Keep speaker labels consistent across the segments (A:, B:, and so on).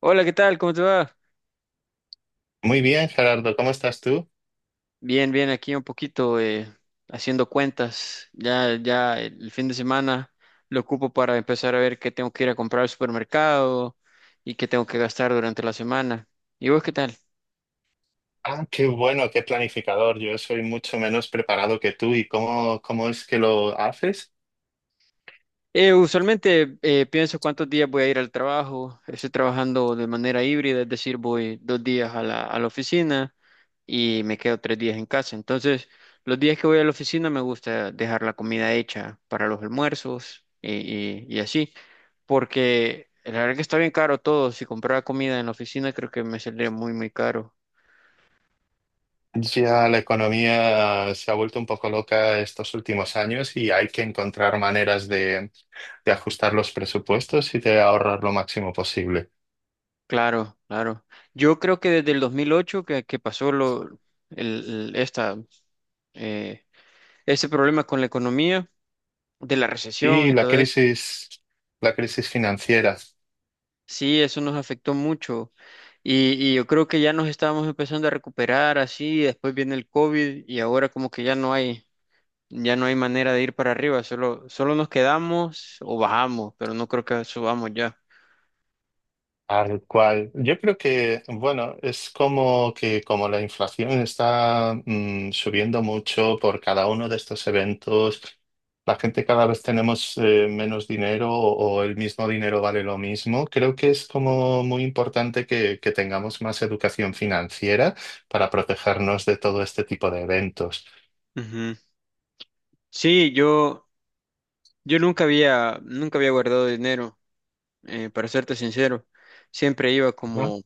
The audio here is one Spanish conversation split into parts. A: Hola, ¿qué tal? ¿Cómo te va?
B: Muy bien, Gerardo, ¿cómo estás tú?
A: Bien, bien, aquí un poquito haciendo cuentas. Ya el fin de semana lo ocupo para empezar a ver qué tengo que ir a comprar al supermercado y qué tengo que gastar durante la semana. ¿Y vos qué tal?
B: Ah, qué bueno, qué planificador. Yo soy mucho menos preparado que tú. ¿Y cómo es que lo haces?
A: Usualmente pienso cuántos días voy a ir al trabajo. Estoy trabajando de manera híbrida, es decir, voy dos días a la oficina y me quedo tres días en casa. Entonces, los días que voy a la oficina me gusta dejar la comida hecha para los almuerzos y así, porque la verdad que está bien caro todo. Si comprara comida en la oficina, creo que me saldría muy, muy caro.
B: Ya la economía se ha vuelto un poco loca estos últimos años y hay que encontrar maneras de ajustar los presupuestos y de ahorrar lo máximo posible.
A: Claro, claro. Yo creo que desde el 2008 que pasó lo, el- esta, eh, ese problema con la economía, de la recesión
B: Y
A: y todo eso,
B: la crisis financiera.
A: sí, eso nos afectó mucho. Y yo creo que ya nos estábamos empezando a recuperar así, después viene el COVID y ahora como que ya no hay manera de ir para arriba, solo, solo nos quedamos o bajamos, pero no creo que subamos ya.
B: Tal cual. Yo creo que, bueno, es como que como la inflación está subiendo mucho por cada uno de estos eventos, la gente cada vez tenemos menos dinero o el mismo dinero vale lo mismo. Creo que es como muy importante que tengamos más educación financiera para protegernos de todo este tipo de eventos.
A: Ujú. Sí, yo nunca había guardado dinero, para serte sincero. Siempre iba
B: Ajá.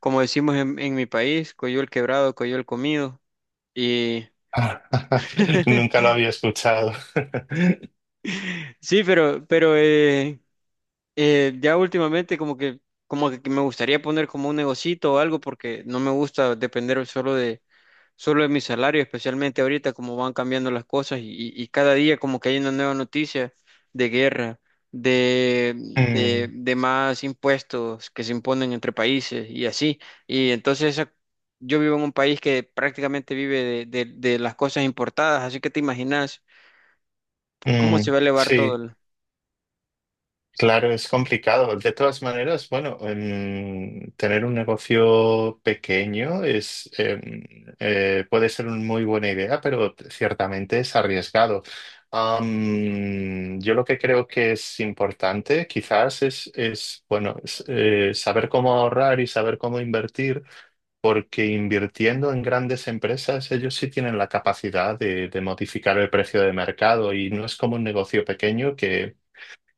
A: como decimos en mi país, coyol quebrado, coyol comido. Y
B: Nunca lo había escuchado.
A: sí, pero ya últimamente como que me gustaría poner como un negocito o algo porque no me gusta depender solo de mi salario, especialmente ahorita como van cambiando las cosas y cada día como que hay una nueva noticia de guerra,
B: Mm,
A: de más impuestos que se imponen entre países y así. Y entonces esa- yo vivo en un país que prácticamente vive de las cosas importadas, así que te imaginas cómo se
B: mm,
A: va a elevar todo.
B: sí. Claro, es complicado. De todas maneras, bueno, tener un negocio pequeño es, puede ser una muy buena idea, pero ciertamente es arriesgado. Yo lo que creo que es importante quizás es saber cómo ahorrar y saber cómo invertir, porque invirtiendo en grandes empresas, ellos sí tienen la capacidad de modificar el precio de mercado y no es como un negocio pequeño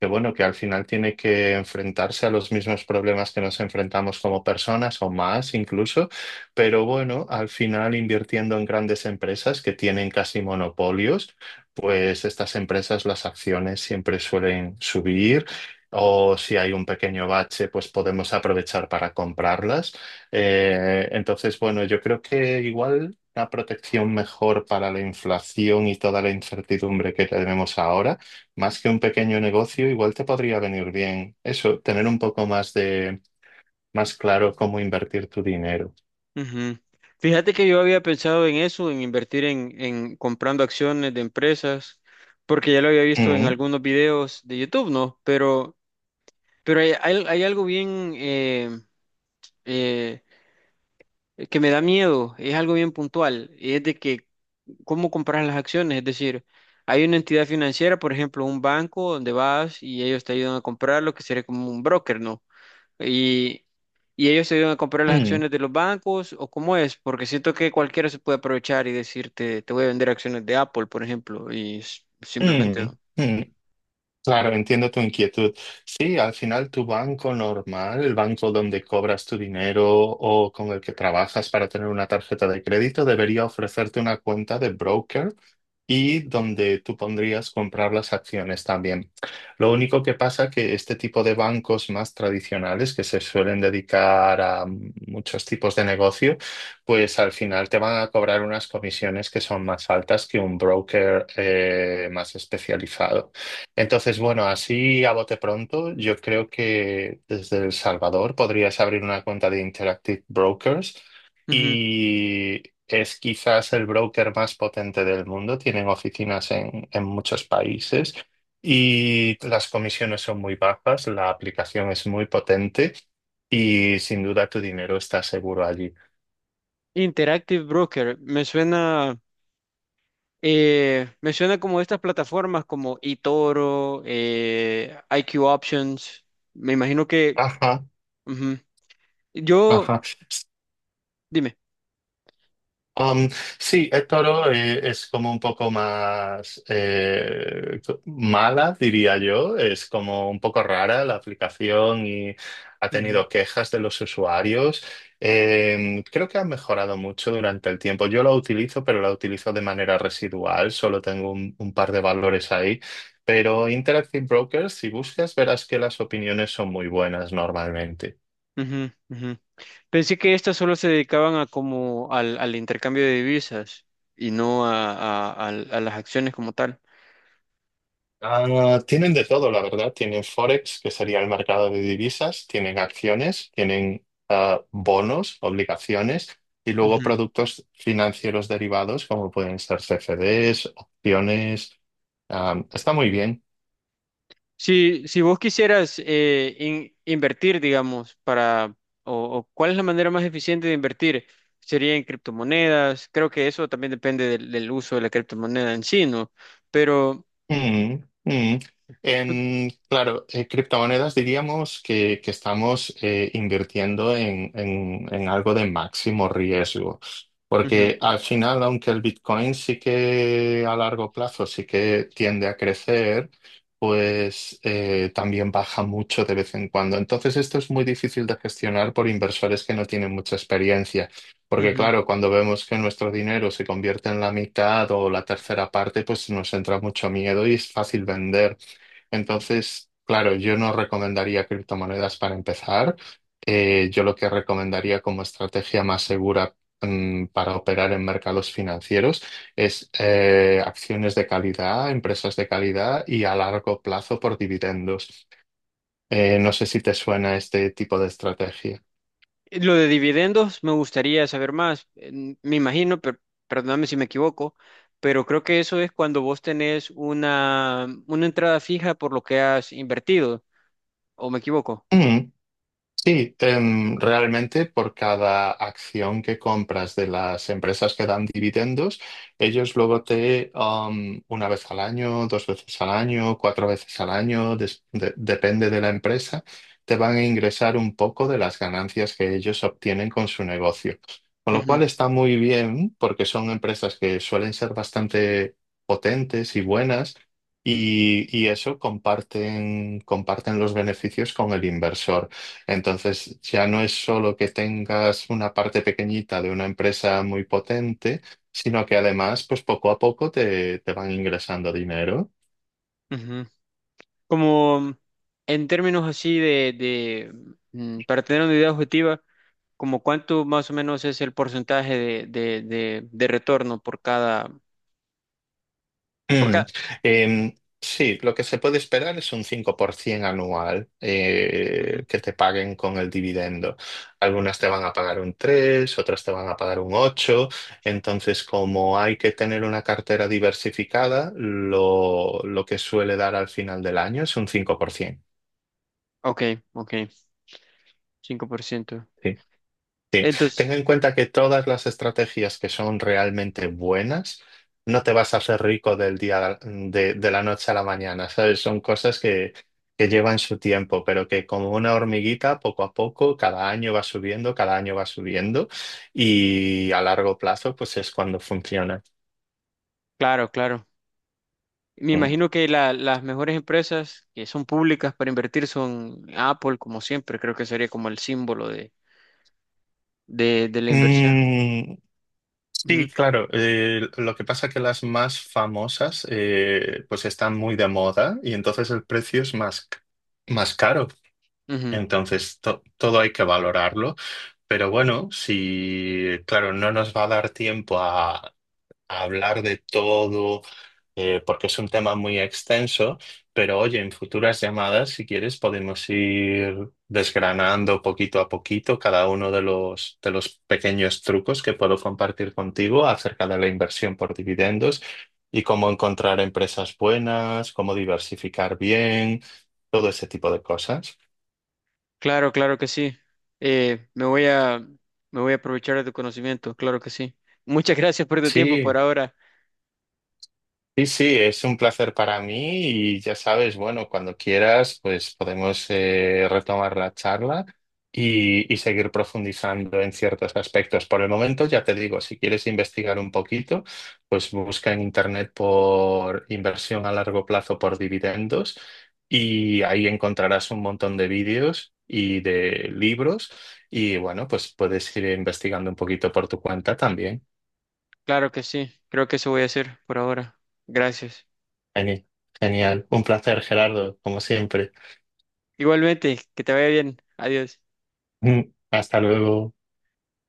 B: que bueno, que al final tiene que enfrentarse a los mismos problemas que nos enfrentamos como personas o más incluso, pero bueno, al final invirtiendo en grandes empresas que tienen casi monopolios, pues estas empresas las acciones siempre suelen subir. O si hay un pequeño bache, pues podemos aprovechar para comprarlas. Entonces, bueno, yo creo que igual una protección mejor para la inflación y toda la incertidumbre que tenemos ahora más que un pequeño negocio, igual te podría venir bien eso, tener un poco más más claro cómo invertir tu dinero.
A: Ujú. Fíjate que yo había pensado en eso, en invertir en comprando acciones de empresas, porque ya lo había visto en
B: Mm,
A: algunos videos de YouTube, ¿no? Pero hay algo bien eh, que me da miedo, es algo bien puntual, y es de que cómo comprar las acciones, es decir, hay una entidad financiera, por ejemplo, un banco donde vas y ellos te ayudan a comprar lo que sería como un broker, ¿no? Y, y ellos te ayudan a comprar las
B: mm,
A: acciones de los bancos, o cómo es, porque siento que cualquiera se puede aprovechar y decirte, te voy a vender acciones de Apple, por ejemplo, y
B: mm,
A: simplemente...
B: mm. Claro, entiendo tu inquietud. Sí, al final tu banco normal, el banco donde cobras tu dinero o con el que trabajas para tener una tarjeta de crédito, debería ofrecerte una cuenta de broker y donde tú pondrías comprar las acciones también. Lo único que pasa que este tipo de bancos más tradicionales que se suelen dedicar a muchos tipos de negocio, pues al final te van a cobrar unas comisiones que son más altas que un broker más especializado. Entonces, bueno, así a bote pronto, yo creo que desde El Salvador podrías abrir una cuenta de Interactive Brokers.
A: Ujú.
B: Y es quizás el broker más potente del mundo, tienen oficinas en muchos países y las comisiones son muy bajas, la aplicación es muy potente y sin duda tu dinero está seguro allí.
A: Interactive Broker, me suena... me como estas plataformas como eToro, IQ Options. Me imagino que...
B: Ajá,
A: Ujú. Yo,
B: ajá.
A: dime.
B: Um, sí, Toro es como un poco más mala, diría yo. Es como un poco rara la aplicación y ha
A: Ujú,
B: tenido quejas de los usuarios. Creo que ha mejorado mucho durante el tiempo. Yo la utilizo, pero la utilizo de manera residual. Solo tengo un par de valores ahí. Pero Interactive Brokers, si buscas, verás que las opiniones son muy buenas normalmente.
A: ujú, ujú. Pensé que estas solo se dedicaban a como al intercambio de divisas y no a las acciones como tal.
B: Ah, tienen de todo, la verdad. Tienen Forex, que sería el mercado de divisas, tienen acciones, tienen bonos, obligaciones y luego productos financieros derivados como pueden ser CFDs, opciones. Ah, está muy bien.
A: Si, si vos quisieras invertir, o, o cuál es la manera más eficiente de invertir, sería en criptomonedas. Creo que eso también depende del uso de la criptomoneda en sí, ¿no? Pero
B: Mm, mm. En, claro, criptomonedas diríamos que estamos invirtiendo en algo de máximo riesgo,
A: ujú,
B: porque al final, aunque el Bitcoin sí que a largo plazo sí que tiende a crecer, pues también baja mucho de vez en cuando. Entonces, esto es muy difícil de gestionar por inversores que no tienen mucha experiencia. Porque
A: ujú.
B: claro, cuando vemos que nuestro dinero se convierte en la mitad o la tercera parte, pues nos entra mucho miedo y es fácil vender. Entonces, claro, yo no recomendaría criptomonedas para empezar. Yo lo que recomendaría como estrategia más segura, para operar en mercados financieros es acciones de calidad, empresas de calidad y a largo plazo por dividendos. No sé si te suena este tipo de estrategia.
A: Lo de dividendos me gustaría saber más. Me imagino, pero perdóname si me equivoco, pero creo que eso es cuando vos tenés una entrada fija por lo que has invertido, ¿o me equivoco?
B: Sí, realmente por cada acción que compras de las empresas que dan dividendos, ellos luego te, una vez al año, dos veces al año, cuatro veces al año, depende de la empresa, te van a ingresar un poco de las ganancias que ellos obtienen con su negocio. Con lo
A: Ujú,
B: cual está muy bien porque son empresas que suelen ser bastante potentes y buenas. Y eso comparten, comparten los beneficios con el inversor. Entonces, ya no es solo que tengas una parte pequeñita de una empresa muy potente, sino que además, pues poco a poco te van ingresando dinero.
A: ujú. Como en términos así para tener una idea objetiva, como cuánto más o menos es el porcentaje de retorno por cada, por
B: Mm.
A: cada.
B: Em, sí, lo que se puede esperar es un 5% anual
A: Ujú.
B: que te paguen con el dividendo. Algunas te van a pagar un 3, otras te van a pagar un 8. Entonces, como hay que tener una cartera diversificada, lo que suele dar al final del año es un 5%.
A: Ok, ok, 5%.
B: Ten
A: Entonces,
B: en cuenta que todas las estrategias que son realmente buenas, no te vas a hacer rico del día de la noche a la mañana, ¿sabes? Son cosas que llevan su tiempo, pero que como una hormiguita, poco a poco, cada año va subiendo, cada año va subiendo y a largo plazo, pues es cuando funciona.
A: claro, claro. Me
B: Mm.
A: imagino que las mejores empresas que son públicas para invertir son Apple, como siempre, creo que sería como el símbolo de la inversión.
B: Mm,
A: Ujú,
B: sí, claro. Lo que pasa es que las más famosas pues están muy de moda y entonces el precio es más caro.
A: ujú.
B: Entonces, todo hay que valorarlo, pero bueno, si, claro, no nos va a dar tiempo a hablar de todo, porque es un tema muy extenso, pero oye, en futuras llamadas, si quieres, podemos ir desgranando poquito a poquito cada uno de los pequeños trucos que puedo compartir contigo acerca de la inversión por dividendos y cómo encontrar empresas buenas, cómo diversificar bien, todo ese tipo de cosas.
A: Claro, claro que sí. Eh, me voy a, me voy a aprovechar de tu conocimiento, claro que sí. Muchas gracias por tu tiempo por
B: Sí,
A: ahora.
B: sí, sí, es un placer para mí y ya sabes, bueno, cuando quieras, pues podemos retomar la charla y seguir profundizando en ciertos aspectos. Por el momento, ya te digo, si quieres investigar un poquito, pues busca en internet por inversión a largo plazo por dividendos y ahí encontrarás un montón de vídeos y de libros y bueno, pues puedes ir investigando un poquito por tu cuenta también.
A: Claro que sí, creo que eso voy a hacer por ahora. Gracias.
B: Geni- Genial, un placer, Gerardo, como siempre.
A: Igualmente, que te vaya bien. Adiós.
B: Mm, hasta luego.